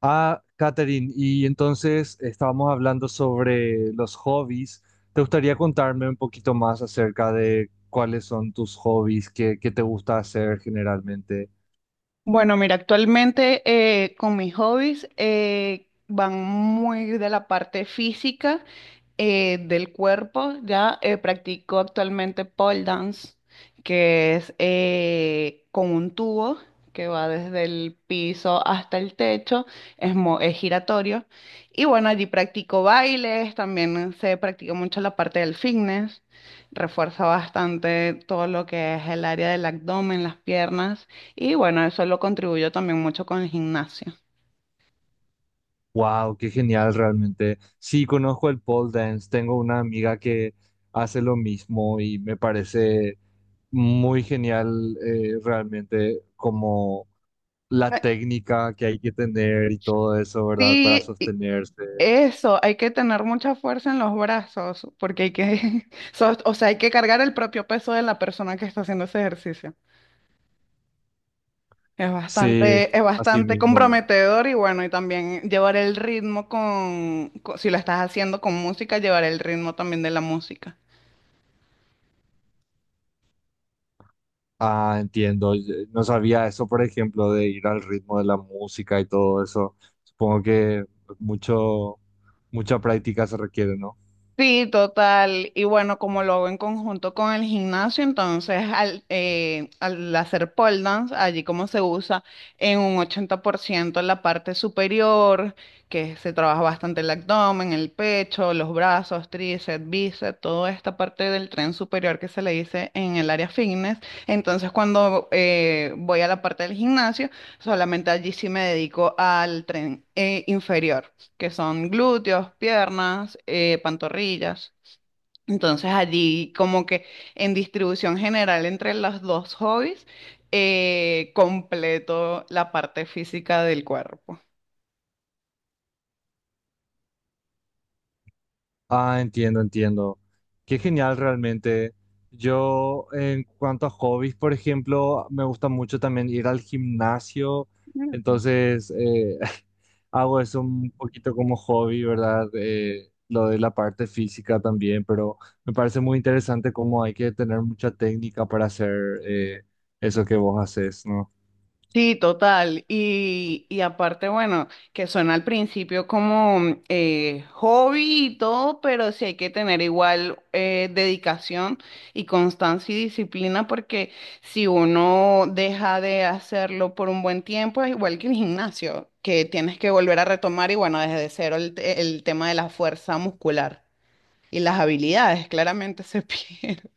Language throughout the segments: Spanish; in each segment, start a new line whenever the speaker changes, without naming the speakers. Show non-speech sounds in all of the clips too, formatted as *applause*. Ah, Katherine, y entonces estábamos hablando sobre los hobbies. ¿Te gustaría contarme un poquito más acerca de cuáles son tus hobbies, qué te gusta hacer generalmente?
Bueno, mira, actualmente con mis hobbies van muy de la parte física del cuerpo. Ya Practico actualmente pole dance, que es con un tubo que va desde el piso hasta el techo, es giratorio. Y bueno, allí practico bailes, también se practica mucho la parte del fitness, refuerza bastante todo lo que es el área del abdomen, las piernas. Y bueno, eso lo contribuyó también mucho con el gimnasio.
Wow, qué genial realmente. Sí, conozco el pole dance, tengo una amiga que hace lo mismo y me parece muy genial realmente como la
Eh,
técnica que hay que tener y todo eso, ¿verdad? Para
Sí, y
sostenerse.
eso, hay que tener mucha fuerza en los brazos, porque hay que, *laughs* o sea, hay que cargar el propio peso de la persona que está haciendo ese ejercicio. Es
Sí,
bastante, es
así
bastante
mismo.
comprometedor y bueno, y también llevar el ritmo si lo estás haciendo con música, llevar el ritmo también de la música.
Ah, entiendo. Yo no sabía eso, por ejemplo, de ir al ritmo de la música y todo eso. Supongo que mucho, mucha práctica se requiere, ¿no?
Sí, total. Y bueno, como lo hago en conjunto con el gimnasio, entonces al hacer pole dance, allí como se usa en un 80% la parte superior, que se trabaja bastante el abdomen, el pecho, los brazos, tríceps, bíceps, toda esta parte del tren superior que se le dice en el área fitness. Entonces cuando voy a la parte del gimnasio, solamente allí sí me dedico al tren inferior que son glúteos, piernas, pantorrillas. Entonces allí como que en distribución general entre los dos hobbies, completo la parte física del cuerpo.
Ah, entiendo, entiendo. Qué genial realmente. Yo, en cuanto a hobbies, por ejemplo, me gusta mucho también ir al gimnasio. Entonces, *laughs* hago eso un poquito como hobby, ¿verdad? Lo de la parte física también, pero me parece muy interesante cómo hay que tener mucha técnica para hacer eh, eso que vos haces, ¿no?
Sí, total. Y aparte, bueno, que suena al principio como hobby y todo, pero sí hay que tener igual dedicación y constancia y disciplina, porque si uno deja de hacerlo por un buen tiempo, es igual que el gimnasio, que tienes que volver a retomar y bueno, desde cero el tema de la fuerza muscular y las habilidades claramente se *laughs* pierden.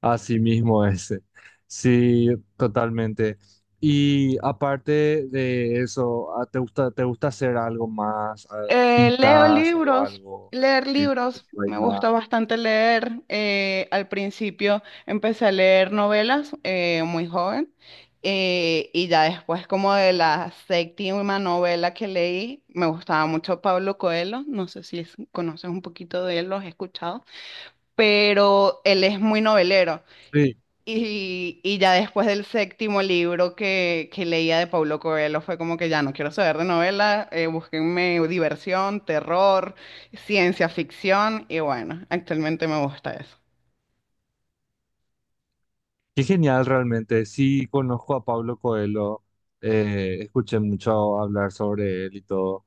Así mismo ese. Sí, totalmente. Y aparte de eso, ah, ¿te gusta hacer algo más? Ah,
Eh, leo
¿pintas o
libros,
algo?
leer
Eh,
libros, me
bailar.
gusta bastante leer. Eh, al principio empecé a leer novelas muy joven y ya después como de la séptima novela que leí, me gustaba mucho Pablo Coelho, no sé si conoces un poquito de él, lo has escuchado, pero él es muy novelero.
Sí,
Y ya después del séptimo libro que leía de Paulo Coelho fue como que ya no quiero saber de novela, búsquenme diversión, terror, ciencia ficción y bueno, actualmente me gusta eso.
qué genial realmente. Sí, conozco a Pablo Coelho. Eh, escuché mucho hablar sobre él y todo.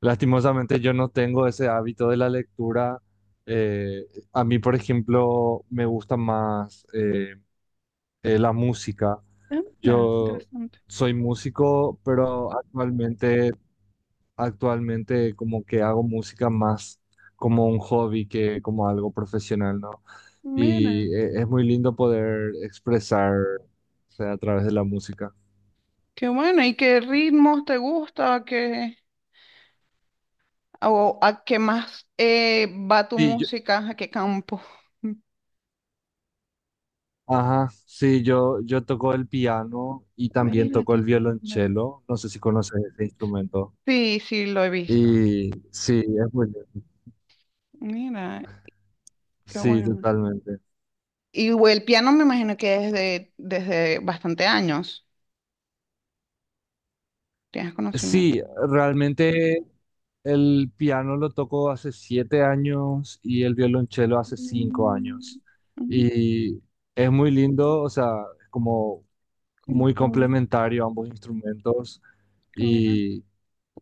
Lastimosamente yo no tengo ese hábito de la lectura. Eh, a mí, por ejemplo, me gusta más la música.
Ah, mira,
Yo
interesante.
soy músico, pero actualmente como que hago música más como un hobby que como algo profesional, ¿no?
Mira,
Y es muy lindo poder expresar, o sea, a través de la música.
qué bueno. ¿Y qué ritmos te gusta? ¿Qué, o a qué más va tu
Sí, yo,
música? ¿A qué campo?
ajá, sí, yo toco el piano y también
Mira,
toco
qué
el
linda.
violonchelo. No sé si conoces ese instrumento.
Sí, sí, lo he visto.
Y sí, es muy lindo.
Mira, qué
Sí,
bueno.
totalmente.
Y güey, el piano me imagino que desde bastante años tienes conocimiento.
Sí, realmente el piano lo toco hace 7 años y el violonchelo hace cinco
Mm,
años.
mm,
Y es muy lindo, o sea, es como
como
muy
hobby,
complementario ambos instrumentos.
yo, ah,
Y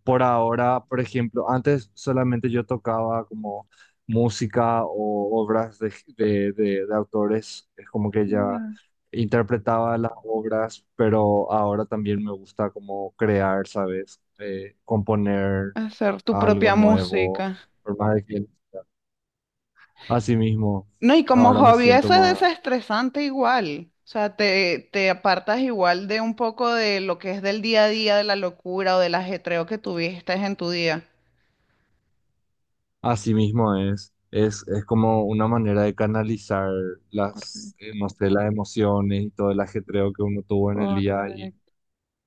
por ahora, por ejemplo, antes solamente yo tocaba como música o obras de autores, es como que ya
mira,
interpretaba las obras, pero ahora también me gusta como crear, ¿sabes? Componer
hacer tu
algo
propia
nuevo,
música.
por más de que así mismo,
No, y como
ahora me
hobby
siento
eso es
más,
desestresante igual. O sea, te apartas igual de un poco de lo que es del día a día, de la locura o del ajetreo que tuviste en tu día.
así mismo es, es como una manera de canalizar
Correcto.
las, no sé, las emociones y todo el ajetreo que uno tuvo en el día
Correcto.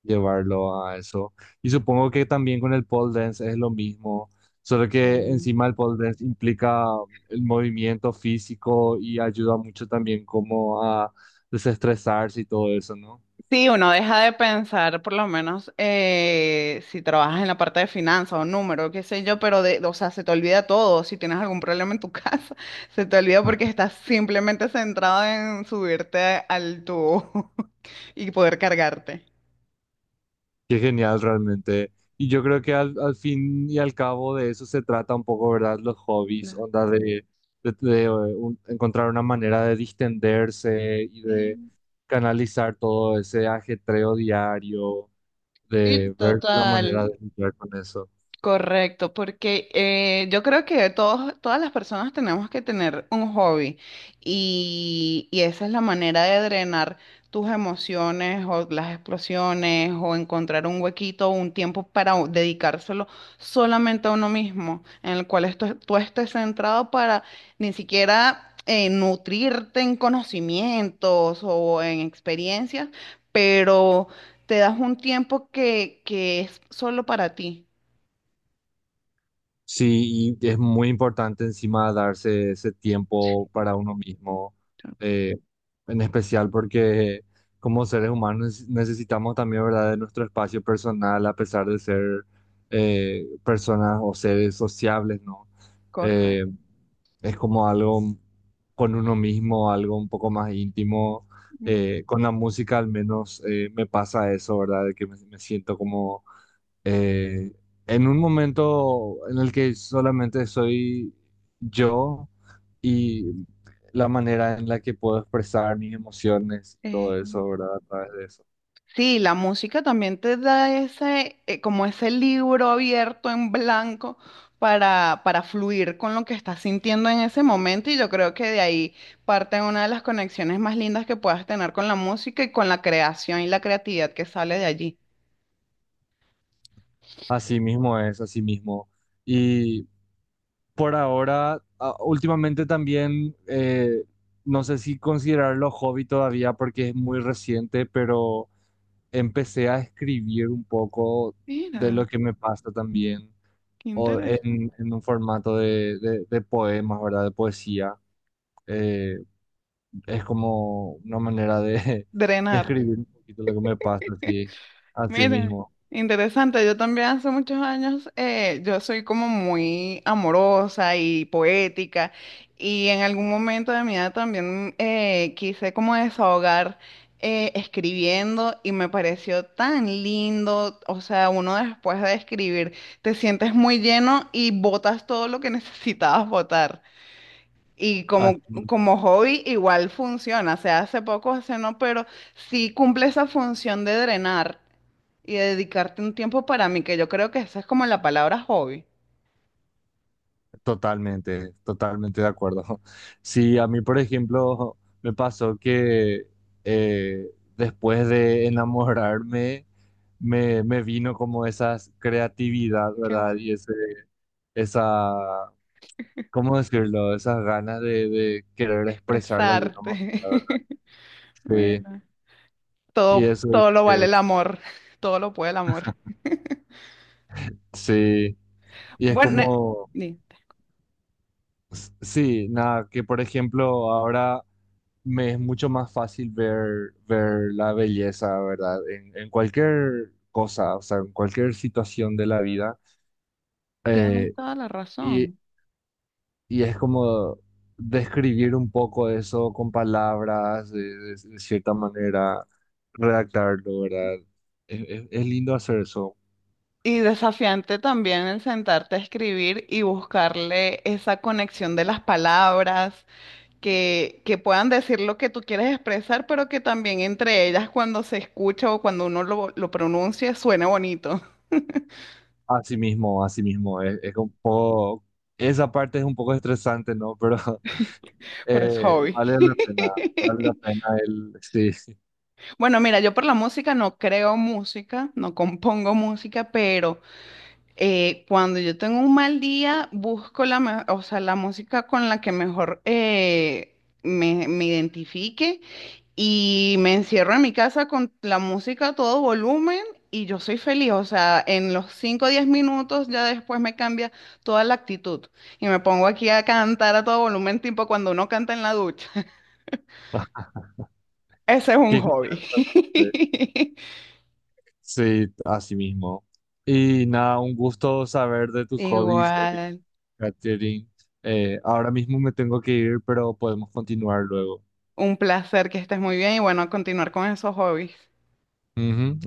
llevarlo a eso. Y supongo que también con el pole dance es lo mismo, solo que encima el pole dance implica el movimiento físico y ayuda mucho también como a desestresarse y todo eso, ¿no?
Sí, uno deja de pensar, por lo menos, si trabajas en la parte de finanzas o número, qué sé yo, pero de, o sea, se te olvida todo. Si tienes algún problema en tu casa, *laughs* se te olvida
Ah,
porque estás simplemente centrado en subirte al tubo *laughs* y poder cargarte.
qué genial realmente. Y yo creo que al fin y al cabo de eso se trata un poco, ¿verdad? Los hobbies,
No.
onda de, encontrar una manera de distenderse y de
Eh,
canalizar todo ese ajetreo diario
Sí,
de ver la manera
total.
de lidiar con eso.
Correcto, porque yo creo que todas las personas tenemos que tener un hobby y esa es la manera de drenar tus emociones o las explosiones o encontrar un huequito o un tiempo para dedicárselo solamente a uno mismo, en el cual tú estés centrado para ni siquiera nutrirte en conocimientos o en experiencias, pero te das un tiempo que es solo para ti.
Sí, y es muy importante encima darse ese tiempo para uno mismo, eh, en especial porque como seres humanos necesitamos también, ¿verdad?, de nuestro espacio personal a pesar de ser personas o seres sociables, ¿no? Eh,
Correcto.
es como algo con uno mismo, algo un poco más íntimo. Con la música al menos me pasa eso, ¿verdad? De que me siento como eh, en un momento en el que solamente soy yo y la manera en la que puedo expresar mis emociones, y todo
Eh,
eso, ¿verdad? A través de eso.
sí, la música también te da ese, como ese libro abierto en blanco para fluir con lo que estás sintiendo en ese momento y yo creo que de ahí parte una de las conexiones más lindas que puedas tener con la música y con la creación y la creatividad que sale de allí.
Así mismo es, así mismo. Y por ahora, últimamente también, no sé si considerarlo hobby todavía porque es muy reciente, pero empecé a escribir un poco de lo
Mira,
que me pasa también,
qué
o
interesante.
en un formato de, poemas, ¿verdad? De poesía. Eh, es como una manera de, *laughs* de
Drenar.
escribir un poquito lo que me pasa, así, así
Miren,
mismo.
interesante, yo también hace muchos años, yo soy como muy amorosa y poética y en algún momento de mi vida también quise como desahogar escribiendo y me pareció tan lindo, o sea, uno después de escribir te sientes muy lleno y botas todo lo que *laughs* necesitabas botar. Y como,
Así,
como hobby igual funciona, o sea, hace poco, hace no, pero sí cumple esa función de drenar y de dedicarte un tiempo para mí, que yo creo que esa es como la palabra hobby.
totalmente, totalmente de acuerdo. *laughs* Sí, a mí, por ejemplo, me pasó que eh, después de enamorarme, me vino como esa creatividad,
Qué
¿verdad?
bueno,
Y ese, esa, ¿cómo decirlo? Esas ganas de querer expresar de alguna manera,
expresarte.
la, ¿verdad?
*laughs*
Sí,
Mira,
y
todo,
eso dice
todo lo
que
vale el amor, todo lo puede el amor.
sí, y es
Bueno,
como,
sí,
sí, nada, que por ejemplo ahora me es mucho más fácil ver, ver la belleza, ¿verdad? En cualquier cosa, o sea, en cualquier situación de la vida.
tienes
Eh,
toda la razón.
y es como describir un poco eso con palabras, de, de cierta manera, redactarlo, ¿verdad? Es, es lindo hacer eso.
Y desafiante también el sentarte a escribir y buscarle esa conexión de las palabras que puedan decir lo que tú quieres expresar, pero que también entre ellas cuando se escucha o cuando uno lo pronuncia suene bonito,
Así mismo, así mismo. Es un poco, esa parte es un poco estresante, ¿no? Pero *laughs*
*laughs* pero es
eh,
hobby.
vale la pena, vale la
*laughs*
pena el... Sí,
Bueno, mira, yo por la música no creo música, no compongo música, pero cuando yo tengo un mal día, busco o sea, la música con la que mejor me identifique. Y me encierro en mi casa con la música a todo volumen y yo soy feliz. O sea, en los 5 o 10 minutos ya después me cambia toda la actitud. Y me pongo aquí a cantar a todo volumen, tipo cuando uno canta en la ducha. *laughs* Ese es un
qué genial.
hobby. *laughs*
Sí, así mismo. Y nada, un gusto saber de tus hobbies,
Igual,
Katherine. Ahora mismo me tengo que ir, pero podemos continuar luego.
un placer que estés muy bien y bueno, a continuar con esos hobbies.
Ujú.